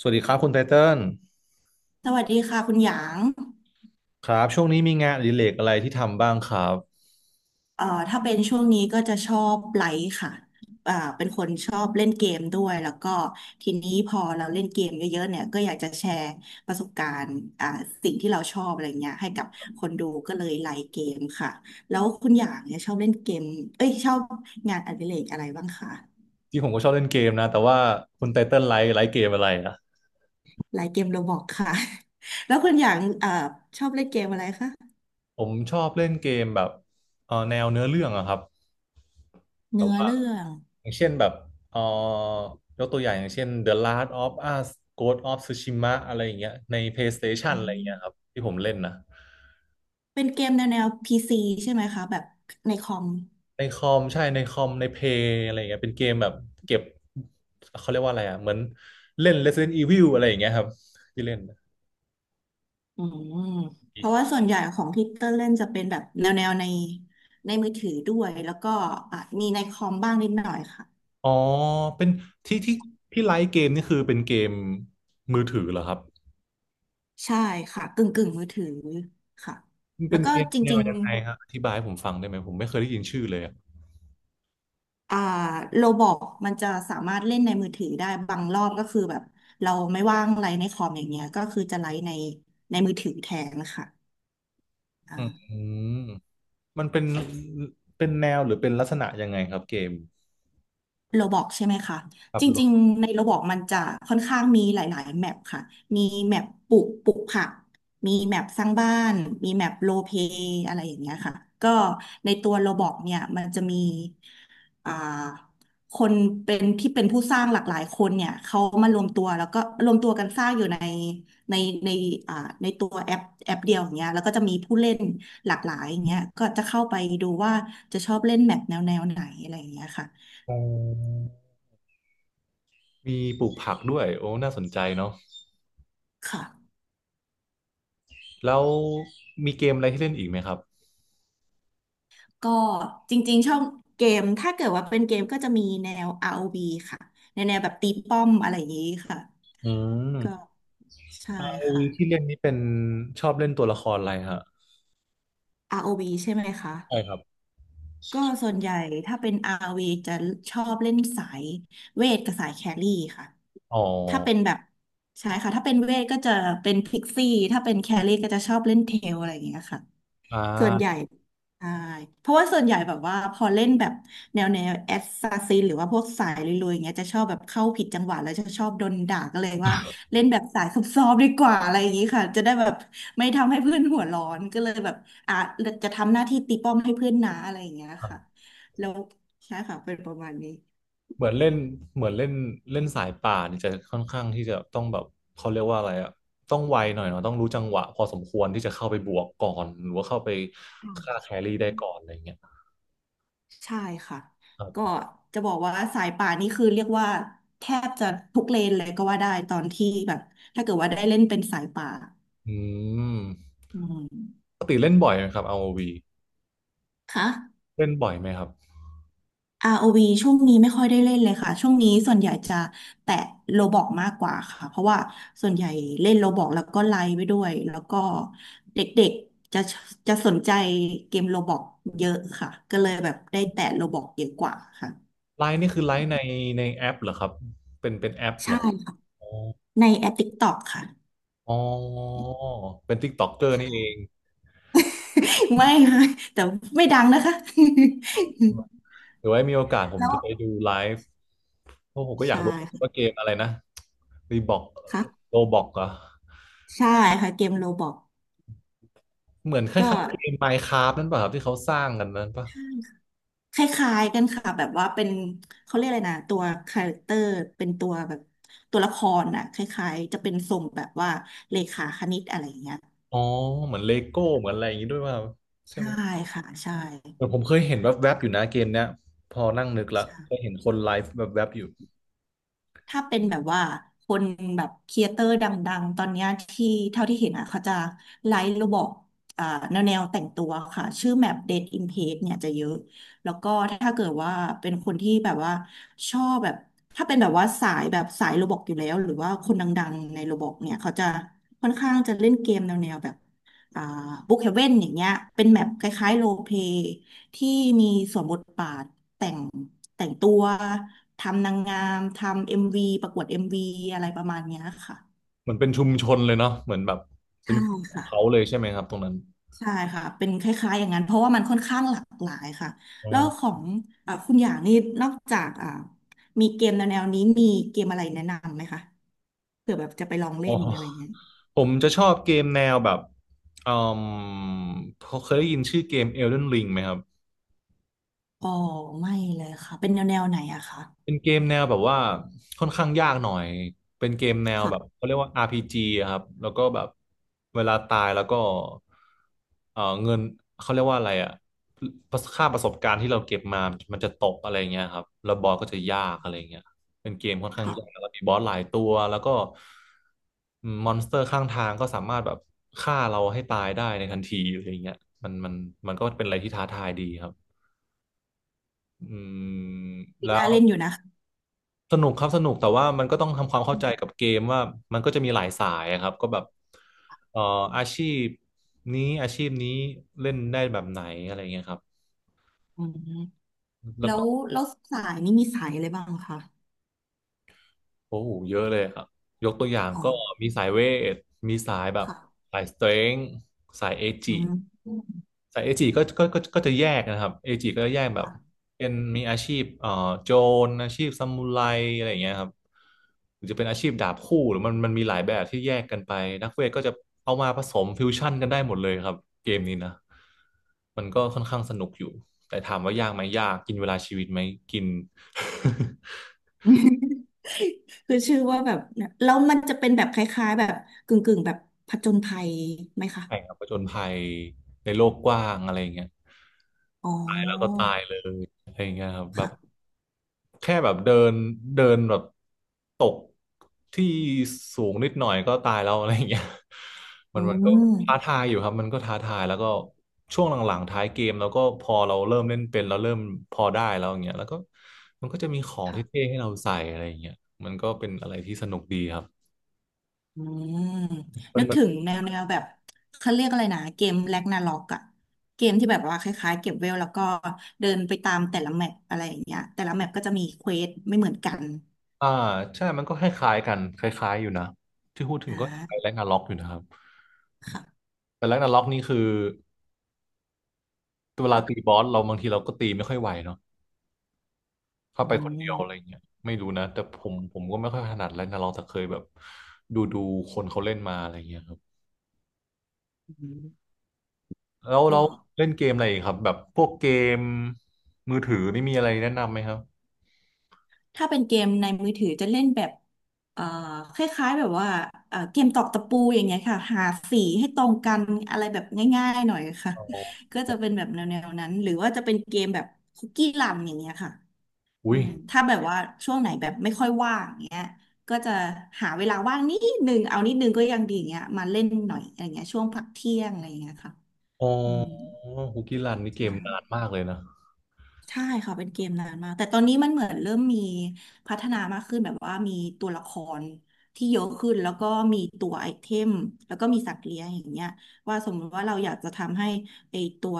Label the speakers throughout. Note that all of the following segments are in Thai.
Speaker 1: สวัสดีครับคุณไทเติ้ล
Speaker 2: สวัสดีค่ะคุณหยาง
Speaker 1: ครับช่วงนี้มีงานอดิเรกอะไรที่ทำบ้างครับ
Speaker 2: ถ้าเป็นช่วงนี้ก็จะชอบไลฟ์ค่ะเป็นคนชอบเล่นเกมด้วยแล้วก็ทีนี้พอเราเล่นเกมเยอะๆเนี่ยก็อยากจะแชร์ประสบการณ์สิ่งที่เราชอบอะไรเงี้ยให้กับคนดูก็เลยไลฟ์เกมค่ะแล้วคุณหยางเนี่ยชอบเล่นเกมเอ้ยชอบงานอดิเรกอะไรบ้างคะ
Speaker 1: ที่ผมก็ชอบเล่นเกมนะแต่ว่าคุณไทเติ้ลไลค์เกมอะไรนะ
Speaker 2: ไลฟ์เกมโรบอกค่ะ แล้วคุณหยางชอบเล่นเกมอะไรคะ
Speaker 1: ผมชอบเล่นเกมแบบแนวเนื้อเรื่องอะครับแบ
Speaker 2: เนื้
Speaker 1: บ
Speaker 2: อ
Speaker 1: ว่า
Speaker 2: เรื่อง
Speaker 1: อย่างเช่นแบบเอ่อยกตัวอย่างอย่างเช่น The Last of Us Ghost of Tsushima อะไรอย่างเงี้ยใน PlayStation
Speaker 2: อื
Speaker 1: อะไรอย่างเงี้ยครับ
Speaker 2: ม
Speaker 1: ที่ผมเล่นนะ
Speaker 2: เป็นเกมแนวแนวพีซีใช่ไหมคะแบบในคอม
Speaker 1: ในคอมใช่ในคอมในเพย์อะไรอย่างเงี้ยเป็นเกมแบบเก็บเขาเรียกว่าอะไรอะเหมือนเล่น Resident Evil อะไรอย่างเงี้ยครับที่เล่นนะ
Speaker 2: อืมเพราะว่าส่วนใหญ่ของที่เตอร์เล่นจะเป็นแบบแนวแนวในมือถือด้วยแล้วก็อ่ะมีในคอมบ้างนิดหน่อยค่ะ
Speaker 1: อ๋อ เป็นที่ที่ไลฟ์เกมนี่คือเป็นเกมมือถือเหรอครับ
Speaker 2: ใช่ค่ะกึ่งกึ่งมือถือค่ะ
Speaker 1: มัน
Speaker 2: แล้
Speaker 1: เป็
Speaker 2: ว
Speaker 1: น
Speaker 2: ก็
Speaker 1: เกม
Speaker 2: จ
Speaker 1: แนว
Speaker 2: ริง
Speaker 1: ยังไงฮะอธิบายให้ผมฟังได้ไหมผมไม่เคยได้ยินชื่อเลยอะ
Speaker 2: ๆโรบอกมันจะสามารถเล่นในมือถือได้บางรอบก็คือแบบเราไม่ว่างไลน์ในคอมอย่างเงี้ยก็คือจะไลฟ์ในมือถือแทนนะคะ
Speaker 1: อืมมันเป็นแนวหรือเป็นลักษณะยังไงครับเกม
Speaker 2: โรบอกใช่ไหมคะ
Speaker 1: ขั
Speaker 2: จ
Speaker 1: บร
Speaker 2: ริง
Speaker 1: ถ
Speaker 2: ๆในโรบอกมันจะค่อนข้างมีหลายๆแมปค่ะ มีแมปปลูกผักมีแมปสร้างบ้านมีแมปโรลเพลย์อะไรอย่างเงี้ยค่ะก็ในตัวโรบอกเนี่ยมันจะมีอ่าคนเป็นที่เป็นผู้สร้างหลากหลายคนเนี่ยเขามารวมตัวแล้วก็รวมตัวกันสร้างอยู่ในในอ่าในตัวแอปเดียวอย่างเงี้ยแล้วก็จะมีผู้เล่นหลากหลายอย่างเงี้ยก็จะเข้าไปดูว่าจะชอบเล่นแมปแนวแนวไหนอะไรอย่างเงี้ยค่ะ
Speaker 1: อ๋อมีปลูกผักด้วย โอ้น่าสนใจเนาะ
Speaker 2: ค่ะ
Speaker 1: แล้วมีเกมอะไรที่เล่นอีกไหมครับ
Speaker 2: ก็จริงๆชอบเกมถ้าเกิดว่าเป็นเกมก็จะมีแนว ROV ค่ะแนวแนวแบบตีป้อมอะไรอย่างนี้ค่ะ
Speaker 1: อืม
Speaker 2: ก็ใช่
Speaker 1: อ o v
Speaker 2: ค่ะ
Speaker 1: ที่เล่นนี้เป็นชอบเล่นตัวละครอะไรฮะ
Speaker 2: ROV ใช่ไหมคะ
Speaker 1: ใช่ครับ
Speaker 2: ก็ส่วนใหญ่ถ้าเป็น ROV จะชอบเล่นสายเวทกับสายแครี่ค่ะ
Speaker 1: อ๋อ
Speaker 2: ถ้าเป็นแบบใช่ค่ะถ้าเป็นเวทก็จะเป็นพิกซี่ถ้าเป็นแครี่ก็จะชอบเล่นเทลอะไรอย่างเงี้ยค่ะ
Speaker 1: อ่
Speaker 2: ส่วนใหญ่
Speaker 1: า
Speaker 2: ใช่เพราะว่าส่วนใหญ่แบบว่าพอเล่นแบบแนวแนวแอสซาซินหรือว่าพวกสายลุยๆอย่างเงี้ยจะชอบแบบเข้าผิดจังหวะแล้วจะชอบโดนด่าก็เลยว่าเล่นแบบสายซอบซ้อนดีกว่าอะไรอย่างงี้ค่ะจะได้แบบไม่ทำให้เพื่อนหัวร้อนก็เลยแบบอ่ะจะทำหน้าที่ตีป้อมให้เพื่อนนะอะไรอย่างเงี้ยค่ะแล้วใช่ค่ะเป็นประมาณนี้
Speaker 1: เหมือนเล่นเหมือนเล่นเล่นสายป่าเนี่ยจะค่อนข้างที่จะต้องแบบเขาเรียกว่าอะไรอะต้องไวหน่อยเนาะต้องรู้จังหวะพอสมควรที่จะเข้าไปบวกก่อนหรือว่าเข้าไป
Speaker 2: ค่
Speaker 1: ฆ่าแครี่ได้ก่อน
Speaker 2: ะ
Speaker 1: อะไรอย่างเงี้ยค
Speaker 2: ใช่ค่ะ
Speaker 1: รับ
Speaker 2: ก็จะบอกว่าสายป่านนี่คือเรียกว่าแทบจะทุกเลนเลยก็ว่าได้ตอนที่แบบถ้าเกิดว่าได้เล่นเป็นสายป่า
Speaker 1: อืม
Speaker 2: อืม
Speaker 1: ปกติเล่นบ่อยไหมครับ r o ี
Speaker 2: ค่ะ
Speaker 1: เล่นบ่อยไหมครับ
Speaker 2: ROV ช่วงนี้ไม่ค่อยได้เล่นเลยค่ะช่วงนี้ส่วนใหญ่จะแตะโลบล็อกมากกว่าค่ะเพราะว่าส่วนใหญ่เล่นโลบล็อกแล้วก็ไลฟ์ไปด้วยแล้วก็เด็กๆจะสนใจเกมโลบล็อกเยอะค่ะก็เลยแบบได้แตะโลบล็อกเยอะกว่าค่ะ
Speaker 1: ไลน์นี่คือไลน์ในแอปเหรอครับเป็นแอปเหร
Speaker 2: ใช่
Speaker 1: อ
Speaker 2: ค่ะ
Speaker 1: อ๋อ
Speaker 2: ในแอป TikTok ค่ะ
Speaker 1: อ๋อเป็นติ๊กต็อกเกอร์นี่เอง
Speaker 2: ไม่ค่ะแต่ไม่ดังนะคะ
Speaker 1: หรือว่ามีโอกาสผ ม
Speaker 2: แล้ว
Speaker 1: จะไปดูไลฟ์เพราะผมก็อยาก
Speaker 2: ใช่
Speaker 1: รู้ว่าเก
Speaker 2: ค่ะ
Speaker 1: มอะไรนะรีบอก
Speaker 2: รับ
Speaker 1: โรบอกเหรอ
Speaker 2: ใช่ค่ะเกมโรบอก
Speaker 1: เหมือนค
Speaker 2: ก็
Speaker 1: ล้ายๆเกม Minecraft นั่นป่ะครับที่เขาสร้างกันนั้นป่ะ
Speaker 2: คล้ายๆกันค่ะแบบว่าเป็นเขาเรียกอะไรนะตัวคาแรคเตอร์เป็นตัวแบบตัวละครน่ะคล้ายๆจะเป็นทรงแบบว่าเลขาคณิตอะไรอย่างเงี้ย
Speaker 1: อ๋อเหมือนเลโก้เหมือนอะไรอย่างนี้ด้วยป่ะครับใช่
Speaker 2: ใช่
Speaker 1: ไหม
Speaker 2: ค่ะ
Speaker 1: เหมือนผมเคยเห็นแวบๆอยู่นะเกมเนี้ยพอนั่งนึกละ
Speaker 2: ใช่
Speaker 1: เคยเห็นคนไลฟ์แวบๆอยู่
Speaker 2: ถ้าเป็นแบบว่าคนแบบครีเอเตอร์ดังๆ ตอนเนี้ยที่เท่าที่เห็นอ่ะเขาจะไลฟ์ระบบอ่าแนวแนวแต่งตัวค่ะชื่อแมป d a d in Page เนี่ยจะเยอะแล้วก็ถ้าเกิดว่าเป็นคนที่แบบว่าชอบแบบถ้าเป็นแบบว่าสายแบบสายโรบอกอยู่แล้วหรือว่าคนดังๆในโรบอกเนี่ยเขาจะค่อนข้างจะเล่นเกมแนวแนวแบบ อ่าบุ๊กเฮเว่นอย่างเงี้ยเป็นแมปคล้ายๆโรลเพลย์ที่มีสวมบทบาทแต่งแต่งตัวทำนางงามทำเอ็มวีประกวดเอ็มวีอะไรประมาณเนี้ยค่ะ
Speaker 1: เหมือนเป็นชุมชนเลยเนาะเหมือนแบบเป็
Speaker 2: ใช่
Speaker 1: นของ
Speaker 2: ค่ะ
Speaker 1: เขาเลยใช่ไหมครับตรงนั้น
Speaker 2: ใช่ค่ะเป็นคล้ายๆอย่างนั้นเพราะว่ามันค่อนข้างหลากหลายค่ะ
Speaker 1: อ๋อ
Speaker 2: แล้วของคุณอย่างนี่นอกจากมีเกมแนวๆนี้มีเกมอะไรแนะนำไหมคะเผื่อแบบจะไปลอง
Speaker 1: อ๋
Speaker 2: เล่นอะไรอย่าง
Speaker 1: อ
Speaker 2: เงี้ย
Speaker 1: ผมจะชอบเกมแนวแบบอืมเคยได้ยินชื่อเกม Elden Ring ไหมครับ
Speaker 2: อ๋อไม่เลยค่ะเป็นแนววไหนอะคะ
Speaker 1: เป็นเกมแนวแบบว่าค่อนข้างยากหน่อย เป็นเกมแนว
Speaker 2: ค่ะ
Speaker 1: แบบเขาเรียกว่า RPG อะครับแล้วก็แบบเวลาตายแล้วก็เออเงินเขาเรียกว่าอะไรอะภาษามันจะตกอะไรเงี้ยครับแล้วบอสก็จะยากอะไรเงี้ยเป็นเกมค่อนข้าง
Speaker 2: ค่ะ
Speaker 1: ยากแล้วก็มีบอสหลายตัวแล้วก็มอนสเตอร์ข้างทางก็สามารถแบบฆ่าเราให้ตายได้ในทันทีอะไรเงี้ยมันมันมันก็เป็นอะไรที่ท้าทายดีครับอืม
Speaker 2: ปี
Speaker 1: แล้
Speaker 2: หน้า
Speaker 1: ว
Speaker 2: เล่นอยู่นะ
Speaker 1: สนุกครับสนุกแต่ว่ามันก็ต้องทำความเข้าใจกับเกมว่ามันก็จะมีหลายสายอะครับก็แบบเอ่ออาชีพนี้อาชีพนี้เล่นได้แบบไหนอะไรเงี้ยครับ
Speaker 2: อืม
Speaker 1: แล้ว
Speaker 2: แล้
Speaker 1: ก็
Speaker 2: วแล้วสายนี่มีสายอะไรบ้างคะ
Speaker 1: โอ้โหเยอะเลยครับยกตัวอย่าง
Speaker 2: อ๋อ
Speaker 1: ก็มีสายเวทมีสายแบบ
Speaker 2: ค่ะ
Speaker 1: สายสเตรนท์สายเอจิ
Speaker 2: อืม
Speaker 1: สายเอจิก็จะแยกนะครับเอจิก็จะแยกแบบ
Speaker 2: ค่ะ
Speaker 1: เป็นมีอาชีพโจรอาชีพซามูไรอะไรอย่างเงี้ยครับหรือจะเป็นอาชีพดาบคู่หรือมันมีหลายแบบที่แยกกันไปนักเวทก็จะเอามาผสมฟิวชั่นกันได้หมดเลยครับเกมนี้นะมันก็ค่อนข้างสนุกอยู่แต่ถามว่ายากไหมยากกินเวลาชีวิตไหมกิน
Speaker 2: คือชื่อว่าแบบเนี่ยแล้วมันจะเป็นแบบคล้ายๆแบบกึ่งๆแบบผจญภัยไหมคะ
Speaker 1: ใช่ครับผจญภัยในโลกกว้างอะไรอย่างเงี้ยต
Speaker 2: อ๋
Speaker 1: ายแล้วก็
Speaker 2: อ
Speaker 1: ตายเลยอะไรอย่างเงี้ยครับแบบ
Speaker 2: ค่ะ
Speaker 1: แค่แบบเดินเดินแบบตกที่สูงนิดหน่อยก็ตายแล้วอะไรอย่างเงี้ย มั
Speaker 2: อื
Speaker 1: นมันก็ท้า
Speaker 2: ม
Speaker 1: ทายอยู่ครับมันก็ท้าทายแล้วก็ช่วงหลังๆท้ายเกมแล้วก็พอเราเริ่มเล่นเป็นเราเริ่มพอได้แล้วอย่างเงี้ยแล้วก็มันก็จะมีของเท่
Speaker 2: ค่ะ
Speaker 1: ๆให้เราใส่อะไรอย่างเงี้ยมันก็เป็นอะไรที่สนุกดีครับ
Speaker 2: อืมนึกถึงแนวแนวแบบเขาเรียกอะไรนะเกมแร็กนาร็อกอะเกมที่แบบว่าคล้ายๆเก็บเวลแล้วก็เดินไปตามแต่ละแมปอะไรอย่างเงี้ยแต่ละแมปก็จะมีเควสไม่เหมือนกัน
Speaker 1: อ่าใช่มันก็คล้ายๆกันคล้ายๆอยู่นะที่พูดถึ
Speaker 2: อ่
Speaker 1: งก็คล้ายแร็
Speaker 2: า
Speaker 1: กนาร็อกอยู่นะครับ
Speaker 2: ค่ะ
Speaker 1: แต่แร็กนาร็อกนี่คือเวลาตี
Speaker 2: ค่ะ
Speaker 1: บอสเราบางทีเราก็ตีไม่ค่อยไหวเนาะถ้า
Speaker 2: อื
Speaker 1: ไปคนเดียวอะไร
Speaker 2: ม
Speaker 1: เงี้ยไม่รู้นะแต่ผมก็ไม่ค่อยถนัดแร็กนาร็อกแต่เคยแบบดูคนเขาเล่นมาอะไรเงี้ยครับ
Speaker 2: อืม
Speaker 1: แล้วเรา
Speaker 2: ก็
Speaker 1: เล่นเกมอะไรอีกครับแบบพวกเกมมือถือนี่มีอะไรแนะนำไหมครับ
Speaker 2: ถ้าเป็นเกมในมือถือจะเล่นแบบเอ่อคล้ายๆแบบว่าเกมตอกตะปูอย่างเงี้ยค่ะหาสีให้ตรงกันอะไรแบบง่ายๆหน่อยค่ะ
Speaker 1: อ๋อ
Speaker 2: ก็จะเป็นแบบแนวๆนั้นหรือว่าจะเป็นเกมแบบคุกกี้รันอย่างเงี้ยค่ะ
Speaker 1: อุ้ย
Speaker 2: ถ้าแบบว่าช่วงไหนแบบไม่ค่อยว่างอย่างเงี้ยก็จะหาเวลาว่างนิดนึงเอานิดนึงก็ยังดีอย่างเงี้ยมาเล่นหน่อยอะไรเงี้ยช่วงพักเที่ยงอะไรเงี้ยค่ะ
Speaker 1: อ๋อ
Speaker 2: อืม
Speaker 1: ฮุกกี้รันนี่เก
Speaker 2: ใช่
Speaker 1: มนานมากเลยนะ
Speaker 2: ใช่ค่ะเป็นเกมนานมากแต่ตอนนี้มันเหมือนเริ่มมีพัฒนามากขึ้นแบบว่ามีตัวละครที่เยอะขึ้นแล้วก็มีตัวไอเทมแล้วก็มีสัตว์เลี้ยงอย่างเงี้ยว่าสมมติว่าเราอยากจะทำให้ไอตัว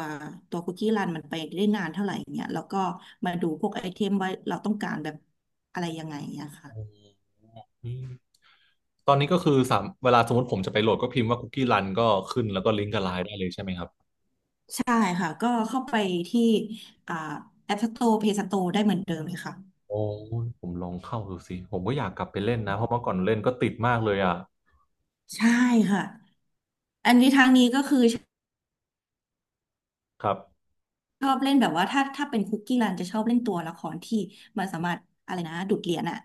Speaker 2: ตัวคุกกี้รันมันไปได้นานเท่าไหร่อย่างเงี้ยแล้วก็มาดูพวกไอเทมว่าเราต้องการแบบอะไรยังไงอย่างเงี้ยค่ะ
Speaker 1: อืม ตอนนี้ก็คือสามเวลาสมมติผมจะไปโหลดก็พิมพ์ว่าคุกกี้รันก็ขึ้นแล้วก็ลิงก์กับไลน์ได้เลยใช่ไหมครับ
Speaker 2: ใช่ค่ะก็เข้าไปที่อ่าแอปสโตร์เพย์สโตร์ได้เหมือนเดิมเลยค่ะ
Speaker 1: โอ้ยผมลองเข้าดูสิผมก็อยากกลับไปเล่นนะเพราะเมื่อก่อนเล่นก็ติดมากเลยอ่ะ
Speaker 2: ใช่ค่ะอันนี้ทางนี้ก็คือ
Speaker 1: ครับ
Speaker 2: ชอบเล่นแบบว่าถ้าเป็นคุกกี้รันจะชอบเล่นตัวละครที่มันสามารถอะไรนะดูดเหรียญอ่ะ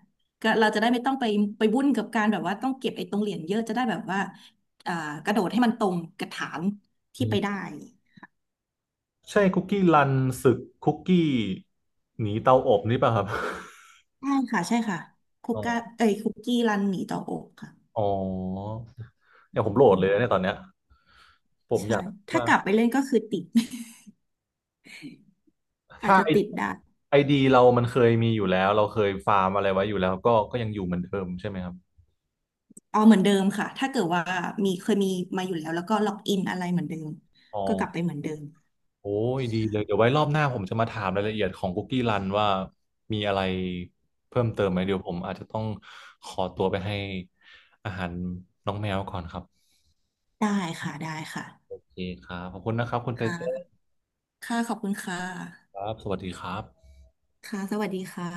Speaker 2: ก็เราจะได้ไม่ต้องไปวุ่นกับการแบบว่าต้องเก็บไอ้ตรงเหรียญเยอะจะได้แบบว่าอ่ากระโดดให้มันตรงกระถาง
Speaker 1: อื
Speaker 2: ที่ไปได้
Speaker 1: มใช่คุกกี้รันศึกคุกกี้หนีเตาอบนี่ป่ะครับ
Speaker 2: ใช่ค่ะใช่ค่ะ
Speaker 1: อ๋อ
Speaker 2: คุกกี้รันหนีต่ออกค่ะ
Speaker 1: อ๋อเนี่ยผมโหลด
Speaker 2: อื
Speaker 1: เลย
Speaker 2: ม
Speaker 1: นะเนี่ยตอนเนี้ยผมอ
Speaker 2: ใช่
Speaker 1: ยาก
Speaker 2: ถ้า
Speaker 1: ว่า
Speaker 2: ก
Speaker 1: ก
Speaker 2: ลับไปเล่นก็คือติด อาจ
Speaker 1: ถ้า
Speaker 2: จะ
Speaker 1: ไอ
Speaker 2: ติดได้
Speaker 1: ไอดีเรามันเคยมีอยู่แล้วเราเคยฟาร์มอะไรไว้อยู่แล้วก็ก็ยังอยู่เหมือนเดิมใช่ไหมครับ
Speaker 2: เอาเหมือนเดิมค่ะถ้าเกิดว่าเคยมีมาอยู่แล้วแล้วก็ล็อกอินอะไรเหมือนเดิม
Speaker 1: อ๋อ
Speaker 2: ก็กลับไปเหมือนเดิม
Speaker 1: โอ้ยดีเลยเดี๋ยวไว้รอบหน้าผมจะมาถามรายละเอียดของคุกกี้รันว่ามีอะไรเพิ่มเติมไหมเดี๋ยวผมอาจจะต้องขอตัวไปให้อาหารน้องแมวก่อนครับ
Speaker 2: ได้ค่ะได้ค่ะ
Speaker 1: โอเคครับขอบคุณนะครับคุณไต
Speaker 2: ค่ะ
Speaker 1: เติ้ล
Speaker 2: ค่ะขอบคุณค่ะ
Speaker 1: ครับสวัสดีครับ
Speaker 2: ค่ะสวัสดีค่ะ